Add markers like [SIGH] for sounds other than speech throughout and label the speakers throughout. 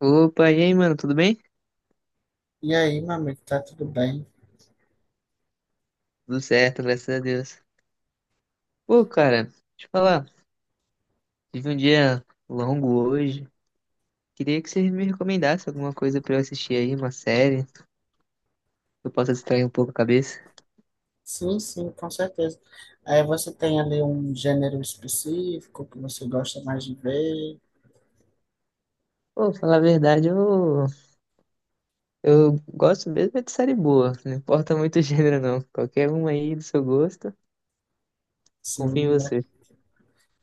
Speaker 1: Opa, e aí, mano, tudo bem?
Speaker 2: E aí, meu amigo, tá tudo bem?
Speaker 1: Tudo certo, graças a Deus. Pô, cara, deixa eu falar, tive um dia longo hoje. Queria que você me recomendasse alguma coisa pra eu assistir aí, uma série, que eu possa distrair um pouco a cabeça.
Speaker 2: Sim, sim, com certeza. Aí você tem ali um gênero específico que você gosta mais de ver.
Speaker 1: Pô, falar a verdade, eu gosto mesmo é de série boa, não importa muito [LAUGHS] o gênero, não. Qualquer uma aí do seu gosto, confio em
Speaker 2: Sim,
Speaker 1: você.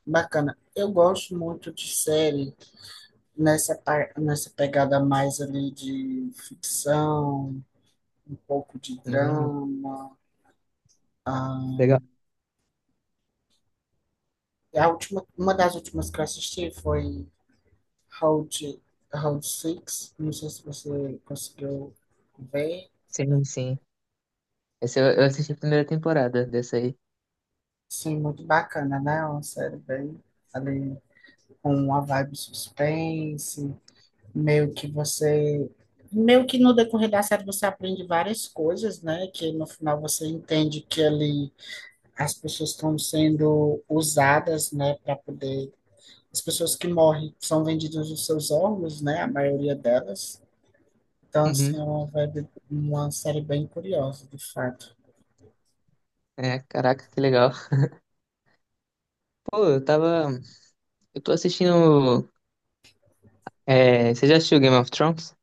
Speaker 2: bacana. Eu gosto muito de série nessa pegada mais ali de ficção, um pouco de
Speaker 1: Uhum,
Speaker 2: drama. Ah,
Speaker 1: legal.
Speaker 2: a última, uma das últimas que eu assisti foi Round, Round Six. Não sei se você conseguiu ver.
Speaker 1: Sim, sim. Essa eu assisti a primeira temporada dessa aí.
Speaker 2: Sim, muito bacana, né? Uma série bem ali com uma vibe suspense, meio que você, meio que no decorrer da série você aprende várias coisas, né? Que no final você entende que ali as pessoas estão sendo usadas, né, para poder as pessoas que morrem são vendidas os seus órgãos, né? A maioria delas. Então, assim,
Speaker 1: Uhum.
Speaker 2: é uma vibe, uma série bem curiosa, de fato.
Speaker 1: É, caraca, que legal. Pô, eu tava. Eu tô assistindo. É, você já assistiu Game of Thrones?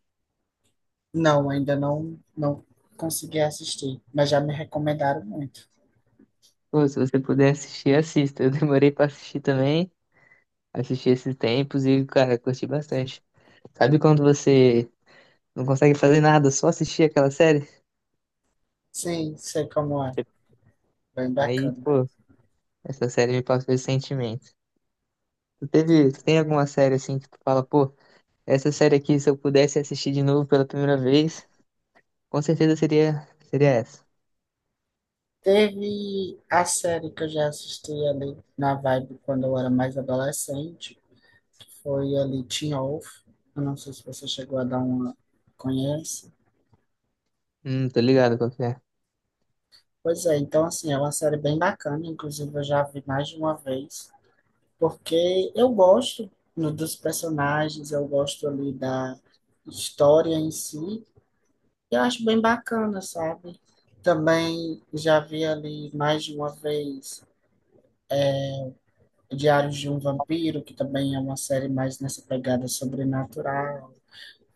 Speaker 2: Não, ainda não, não consegui assistir, mas já me recomendaram muito.
Speaker 1: Pô, se você puder assistir, assista. Eu demorei pra assistir também. Assisti esses tempos e, cara, curti bastante. Sabe quando você não consegue fazer nada, só assistir aquela série?
Speaker 2: Sim, sei como é. Bem
Speaker 1: Aí,
Speaker 2: bacana.
Speaker 1: pô, essa série me passou esse sentimento. Tu teve, tu tem alguma série assim que tu fala, pô, essa série aqui, se eu pudesse assistir de novo pela primeira vez, com certeza seria essa.
Speaker 2: Teve a série que eu já assisti ali na vibe quando eu era mais adolescente, que foi ali Teen Wolf. Eu não sei se você chegou a dar uma. Conhece?
Speaker 1: Tô ligado qual que é.
Speaker 2: Pois é, então assim, é uma série bem bacana, inclusive eu já vi mais de uma vez, porque eu gosto dos personagens, eu gosto ali da história em si, e eu acho bem bacana, sabe? Também já vi ali mais de uma vez Diários de um Vampiro, que também é uma série mais nessa pegada sobrenatural,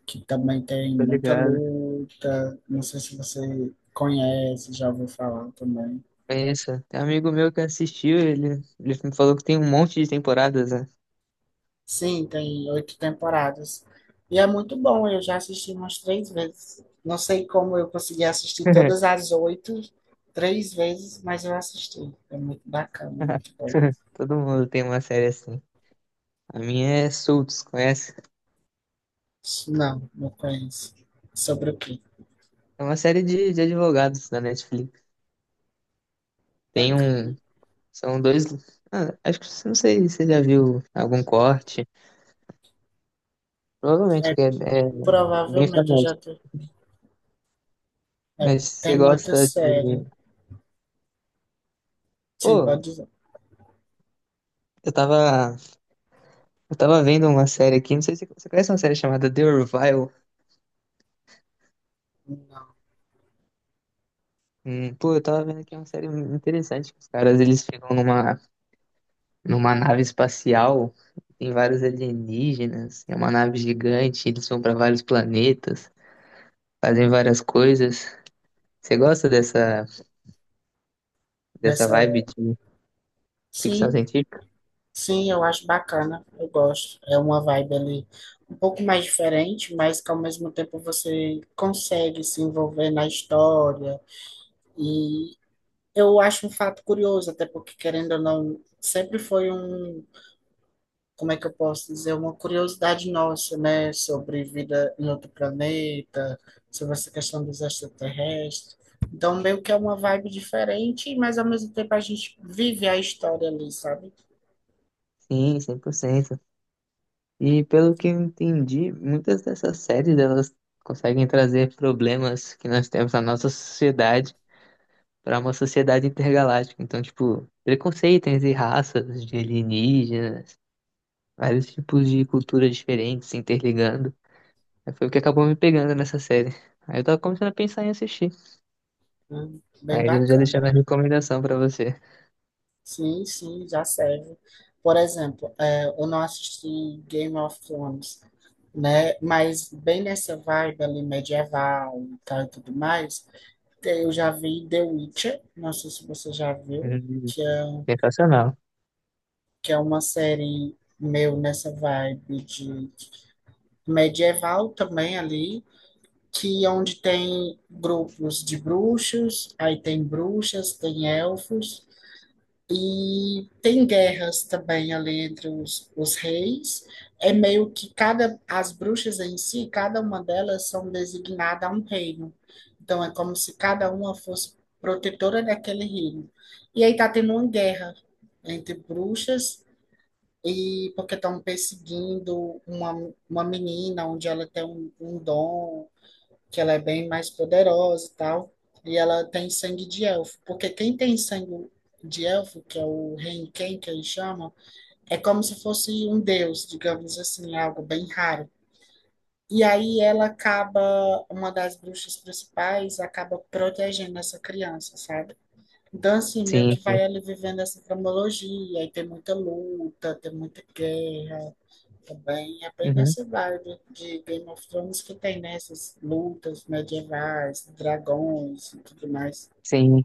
Speaker 2: que também tem
Speaker 1: Tô
Speaker 2: muita
Speaker 1: ligado.
Speaker 2: luta. Não sei se você conhece, já ouviu falar também.
Speaker 1: É isso. Tem um amigo meu que assistiu, ele me falou que tem um monte de temporadas, né?
Speaker 2: Sim, tem oito temporadas. E é muito bom, eu já assisti umas três vezes. Não sei como eu consegui assistir todas
Speaker 1: [LAUGHS]
Speaker 2: as oito, três vezes, mas eu assisti. É muito bacana,
Speaker 1: [LAUGHS]
Speaker 2: muito bom.
Speaker 1: Todo mundo tem uma série assim. A minha é Suits, conhece?
Speaker 2: Não, não conheço. Sobre o quê?
Speaker 1: É uma série de advogados da Netflix. Tem
Speaker 2: Bacana.
Speaker 1: um. São dois. Ah, acho que não sei se você já viu algum corte. Provavelmente
Speaker 2: É,
Speaker 1: que é bem
Speaker 2: provavelmente eu já
Speaker 1: famoso.
Speaker 2: tô. É,
Speaker 1: Mas você
Speaker 2: tem muita
Speaker 1: gosta
Speaker 2: série.
Speaker 1: de.
Speaker 2: Sim,
Speaker 1: Pô,
Speaker 2: pode dizer.
Speaker 1: eu tava. Eu tava vendo uma série aqui. Não sei se você conhece uma série chamada The Orville.
Speaker 2: Não,
Speaker 1: Pô,
Speaker 2: não.
Speaker 1: eu tava vendo aqui uma série interessante. Que os caras eles ficam numa. Numa nave espacial, tem vários alienígenas, é uma nave gigante, eles vão para vários planetas, fazem várias coisas. Você gosta dessa, dessa
Speaker 2: Nessa.
Speaker 1: vibe de ficção
Speaker 2: Sim,
Speaker 1: científica?
Speaker 2: sim, eu acho bacana. Eu gosto. É uma vibe ali um pouco mais diferente, mas que ao mesmo tempo você consegue se envolver na história. E eu acho um fato curioso, até porque, querendo ou não, sempre foi um, como é que eu posso dizer, uma curiosidade nossa, né, sobre vida em outro planeta, sobre essa questão dos extraterrestres. Então, meio que é uma vibe diferente, mas ao mesmo tempo a gente vive a história ali, sabe?
Speaker 1: Sim, cem por cento. E pelo que eu entendi, muitas dessas séries elas conseguem trazer problemas que nós temos na nossa sociedade para uma sociedade intergaláctica. Então, tipo, preconceito entre raças de alienígenas, vários tipos de culturas diferentes se interligando. Aí foi o que acabou me pegando nessa série. Aí eu tava começando a pensar em assistir.
Speaker 2: Bem
Speaker 1: Aí eu já deixei
Speaker 2: bacana.
Speaker 1: minha recomendação pra você.
Speaker 2: Sim, sim, já serve. Por exemplo, é, eu não assisti Game of Thrones, né? Mas bem nessa vibe ali medieval e tal e tudo mais, eu já vi The Witcher, não sei se você já viu,
Speaker 1: Hum,
Speaker 2: que é um,
Speaker 1: sensacional.
Speaker 2: que é uma série meu nessa vibe de medieval também ali, que onde tem grupos de bruxos, aí tem bruxas, tem elfos e tem guerras também ali entre os reis. É meio que cada as bruxas em si, cada uma delas são designadas a um reino. Então é como se cada uma fosse protetora daquele reino. E aí tá tendo uma guerra entre bruxas e porque estão perseguindo uma menina onde ela tem um dom, que ela é bem mais poderosa e tal, e ela tem sangue de elfo. Porque quem tem sangue de elfo, que é o Renken, que eles chamam, é como se fosse um deus, digamos assim, algo bem raro. E aí ela acaba, uma das bruxas principais, acaba protegendo essa criança, sabe? Então, assim, meio
Speaker 1: Sim,
Speaker 2: que
Speaker 1: sim.
Speaker 2: vai ali vivendo essa cronologia, e tem muita luta, tem muita guerra, também é bem
Speaker 1: Uhum,
Speaker 2: nessa vibe de Game of Thrones que tem nessas lutas medievais, dragões e tudo mais.
Speaker 1: sim.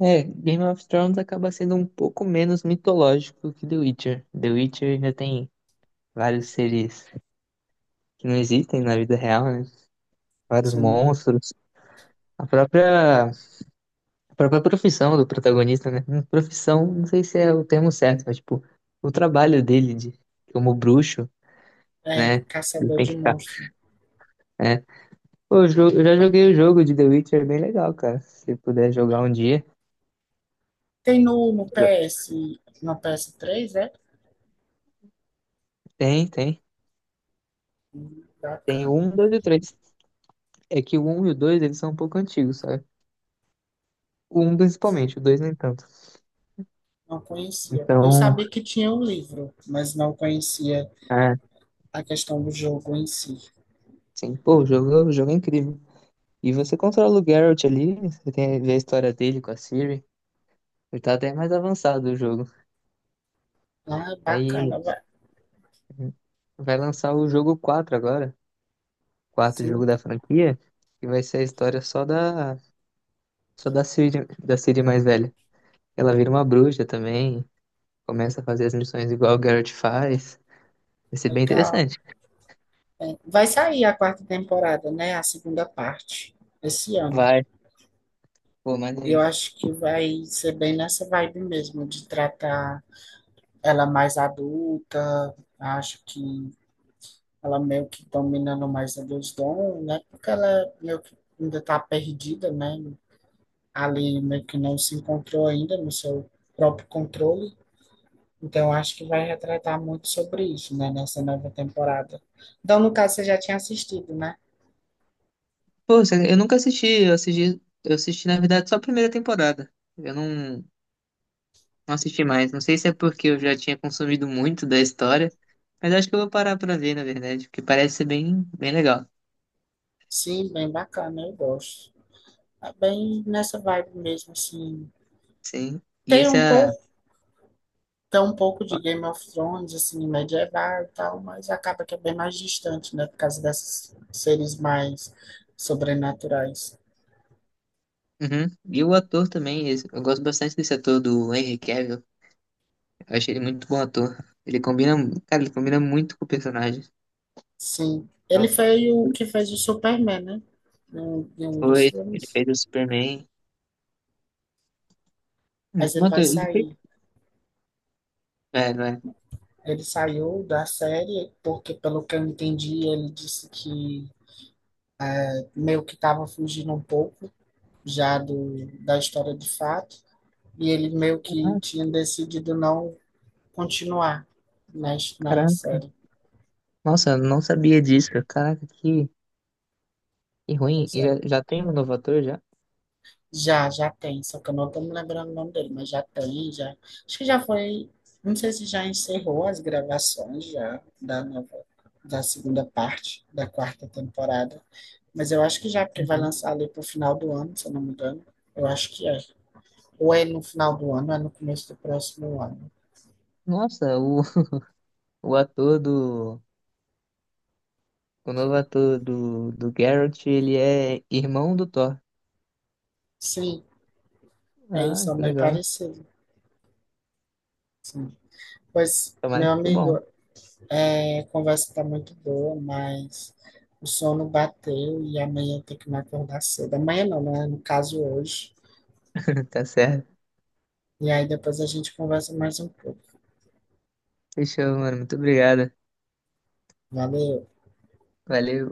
Speaker 1: É, Game of Thrones acaba sendo um pouco menos mitológico que The Witcher. The Witcher ainda tem vários seres que não existem na vida real, né? Vários
Speaker 2: Sim,
Speaker 1: monstros. A própria profissão do protagonista, né? Profissão, não sei se é o termo certo, mas tipo, o trabalho dele de, como bruxo,
Speaker 2: é
Speaker 1: né? Ele
Speaker 2: caçador
Speaker 1: tem
Speaker 2: de
Speaker 1: que estar.
Speaker 2: monstros.
Speaker 1: Pô, eu já joguei o jogo de The Witcher, é bem legal, cara. Se puder jogar um dia.
Speaker 2: Tem no PS, no PS3, é?
Speaker 1: Tem, tem. Tem o
Speaker 2: Bacana.
Speaker 1: 1, 2 e o 3. É que o um e o dois eles são um pouco antigos, sabe? O um principalmente, o 2 nem tanto.
Speaker 2: Não conhecia. Eu
Speaker 1: Então,
Speaker 2: sabia que tinha um livro, mas não conhecia
Speaker 1: é,
Speaker 2: a questão do jogo em si.
Speaker 1: sim. Pô, o jogo é incrível. E você controla o Geralt ali, você tem, vê a história dele com a Ciri. Ele tá até mais avançado o jogo.
Speaker 2: Ah,
Speaker 1: Aí
Speaker 2: bacana, vai.
Speaker 1: vai lançar o jogo 4 agora, quarto
Speaker 2: Sim,
Speaker 1: jogo da franquia, que vai ser a história só da Ciri mais velha. Ela vira uma bruxa também, começa a fazer as missões igual o Garrett faz. Vai ser bem
Speaker 2: legal.
Speaker 1: interessante.
Speaker 2: É, vai sair a quarta temporada, né? A segunda parte, esse ano.
Speaker 1: Vai, pô, maneiro.
Speaker 2: Eu acho que vai ser bem nessa vibe mesmo, de tratar ela mais adulta. Acho que ela meio que dominando mais a Deus dons, né? Porque ela meio que ainda está perdida, né? Ali meio que não se encontrou ainda no seu próprio controle. Então, acho que vai retratar muito sobre isso, né? Nessa nova temporada. Então, no caso, você já tinha assistido, né?
Speaker 1: Pô, eu nunca assisti, eu assisti, na verdade, só a primeira temporada. Eu não, não assisti mais. Não sei se é porque eu já tinha consumido muito da história, mas acho que eu vou parar pra ver, na verdade, porque parece ser bem, bem legal.
Speaker 2: Sim, bem bacana, eu gosto. É bem nessa vibe mesmo, assim.
Speaker 1: Sim. E
Speaker 2: Tem
Speaker 1: esse
Speaker 2: um
Speaker 1: é.
Speaker 2: pouco. Tem um pouco de Game of Thrones, assim, medieval e tal, mas acaba que é bem mais distante, né? Por causa desses seres mais sobrenaturais.
Speaker 1: Uhum. E o ator também, eu gosto bastante desse ator do Henry Cavill. Eu achei ele muito bom ator. Ele combina, cara, ele combina muito com o personagem.
Speaker 2: Sim. Ele
Speaker 1: Então,
Speaker 2: foi o
Speaker 1: ele
Speaker 2: que fez o Superman, né? Em um dos
Speaker 1: foi, ele
Speaker 2: filmes.
Speaker 1: fez o Superman.
Speaker 2: Mas ele
Speaker 1: Mano,
Speaker 2: vai
Speaker 1: ele fez.
Speaker 2: sair.
Speaker 1: É, não é?
Speaker 2: Ele saiu da série porque, pelo que eu entendi, ele disse que meio que estava fugindo um pouco já do, da história de fato. E ele meio que
Speaker 1: Ah,
Speaker 2: tinha decidido não continuar na
Speaker 1: caraca.
Speaker 2: série.
Speaker 1: Nossa, eu não sabia disso. Caraca, que ruim.
Speaker 2: Pois
Speaker 1: E já,
Speaker 2: é.
Speaker 1: já tem um novo ator já?
Speaker 2: Já, já tem, só que eu não estou me lembrando o nome dele, mas já tem, já. Acho que já foi, não sei se já encerrou as gravações já da nova, da segunda parte da quarta temporada, mas eu acho que já, porque vai
Speaker 1: Uhum.
Speaker 2: lançar ali pro final do ano, se eu não me engano. Eu acho que é. Ou é no final do ano, ou é no começo do próximo ano.
Speaker 1: Nossa, o ator do. O novo ator do, do Geralt, ele é irmão do Thor.
Speaker 2: Sim, é
Speaker 1: Ah,
Speaker 2: isso, é
Speaker 1: que
Speaker 2: bem
Speaker 1: legal.
Speaker 2: parecido. Sim. Pois,
Speaker 1: Tomara
Speaker 2: meu
Speaker 1: que fique bom.
Speaker 2: amigo, é, a conversa tá muito boa, mas o sono bateu e amanhã tem que me acordar cedo. Amanhã não, né? No caso hoje.
Speaker 1: [LAUGHS] Tá certo.
Speaker 2: E aí depois a gente conversa mais um pouco.
Speaker 1: Fechou, mano. Muito obrigado.
Speaker 2: Valeu.
Speaker 1: Valeu.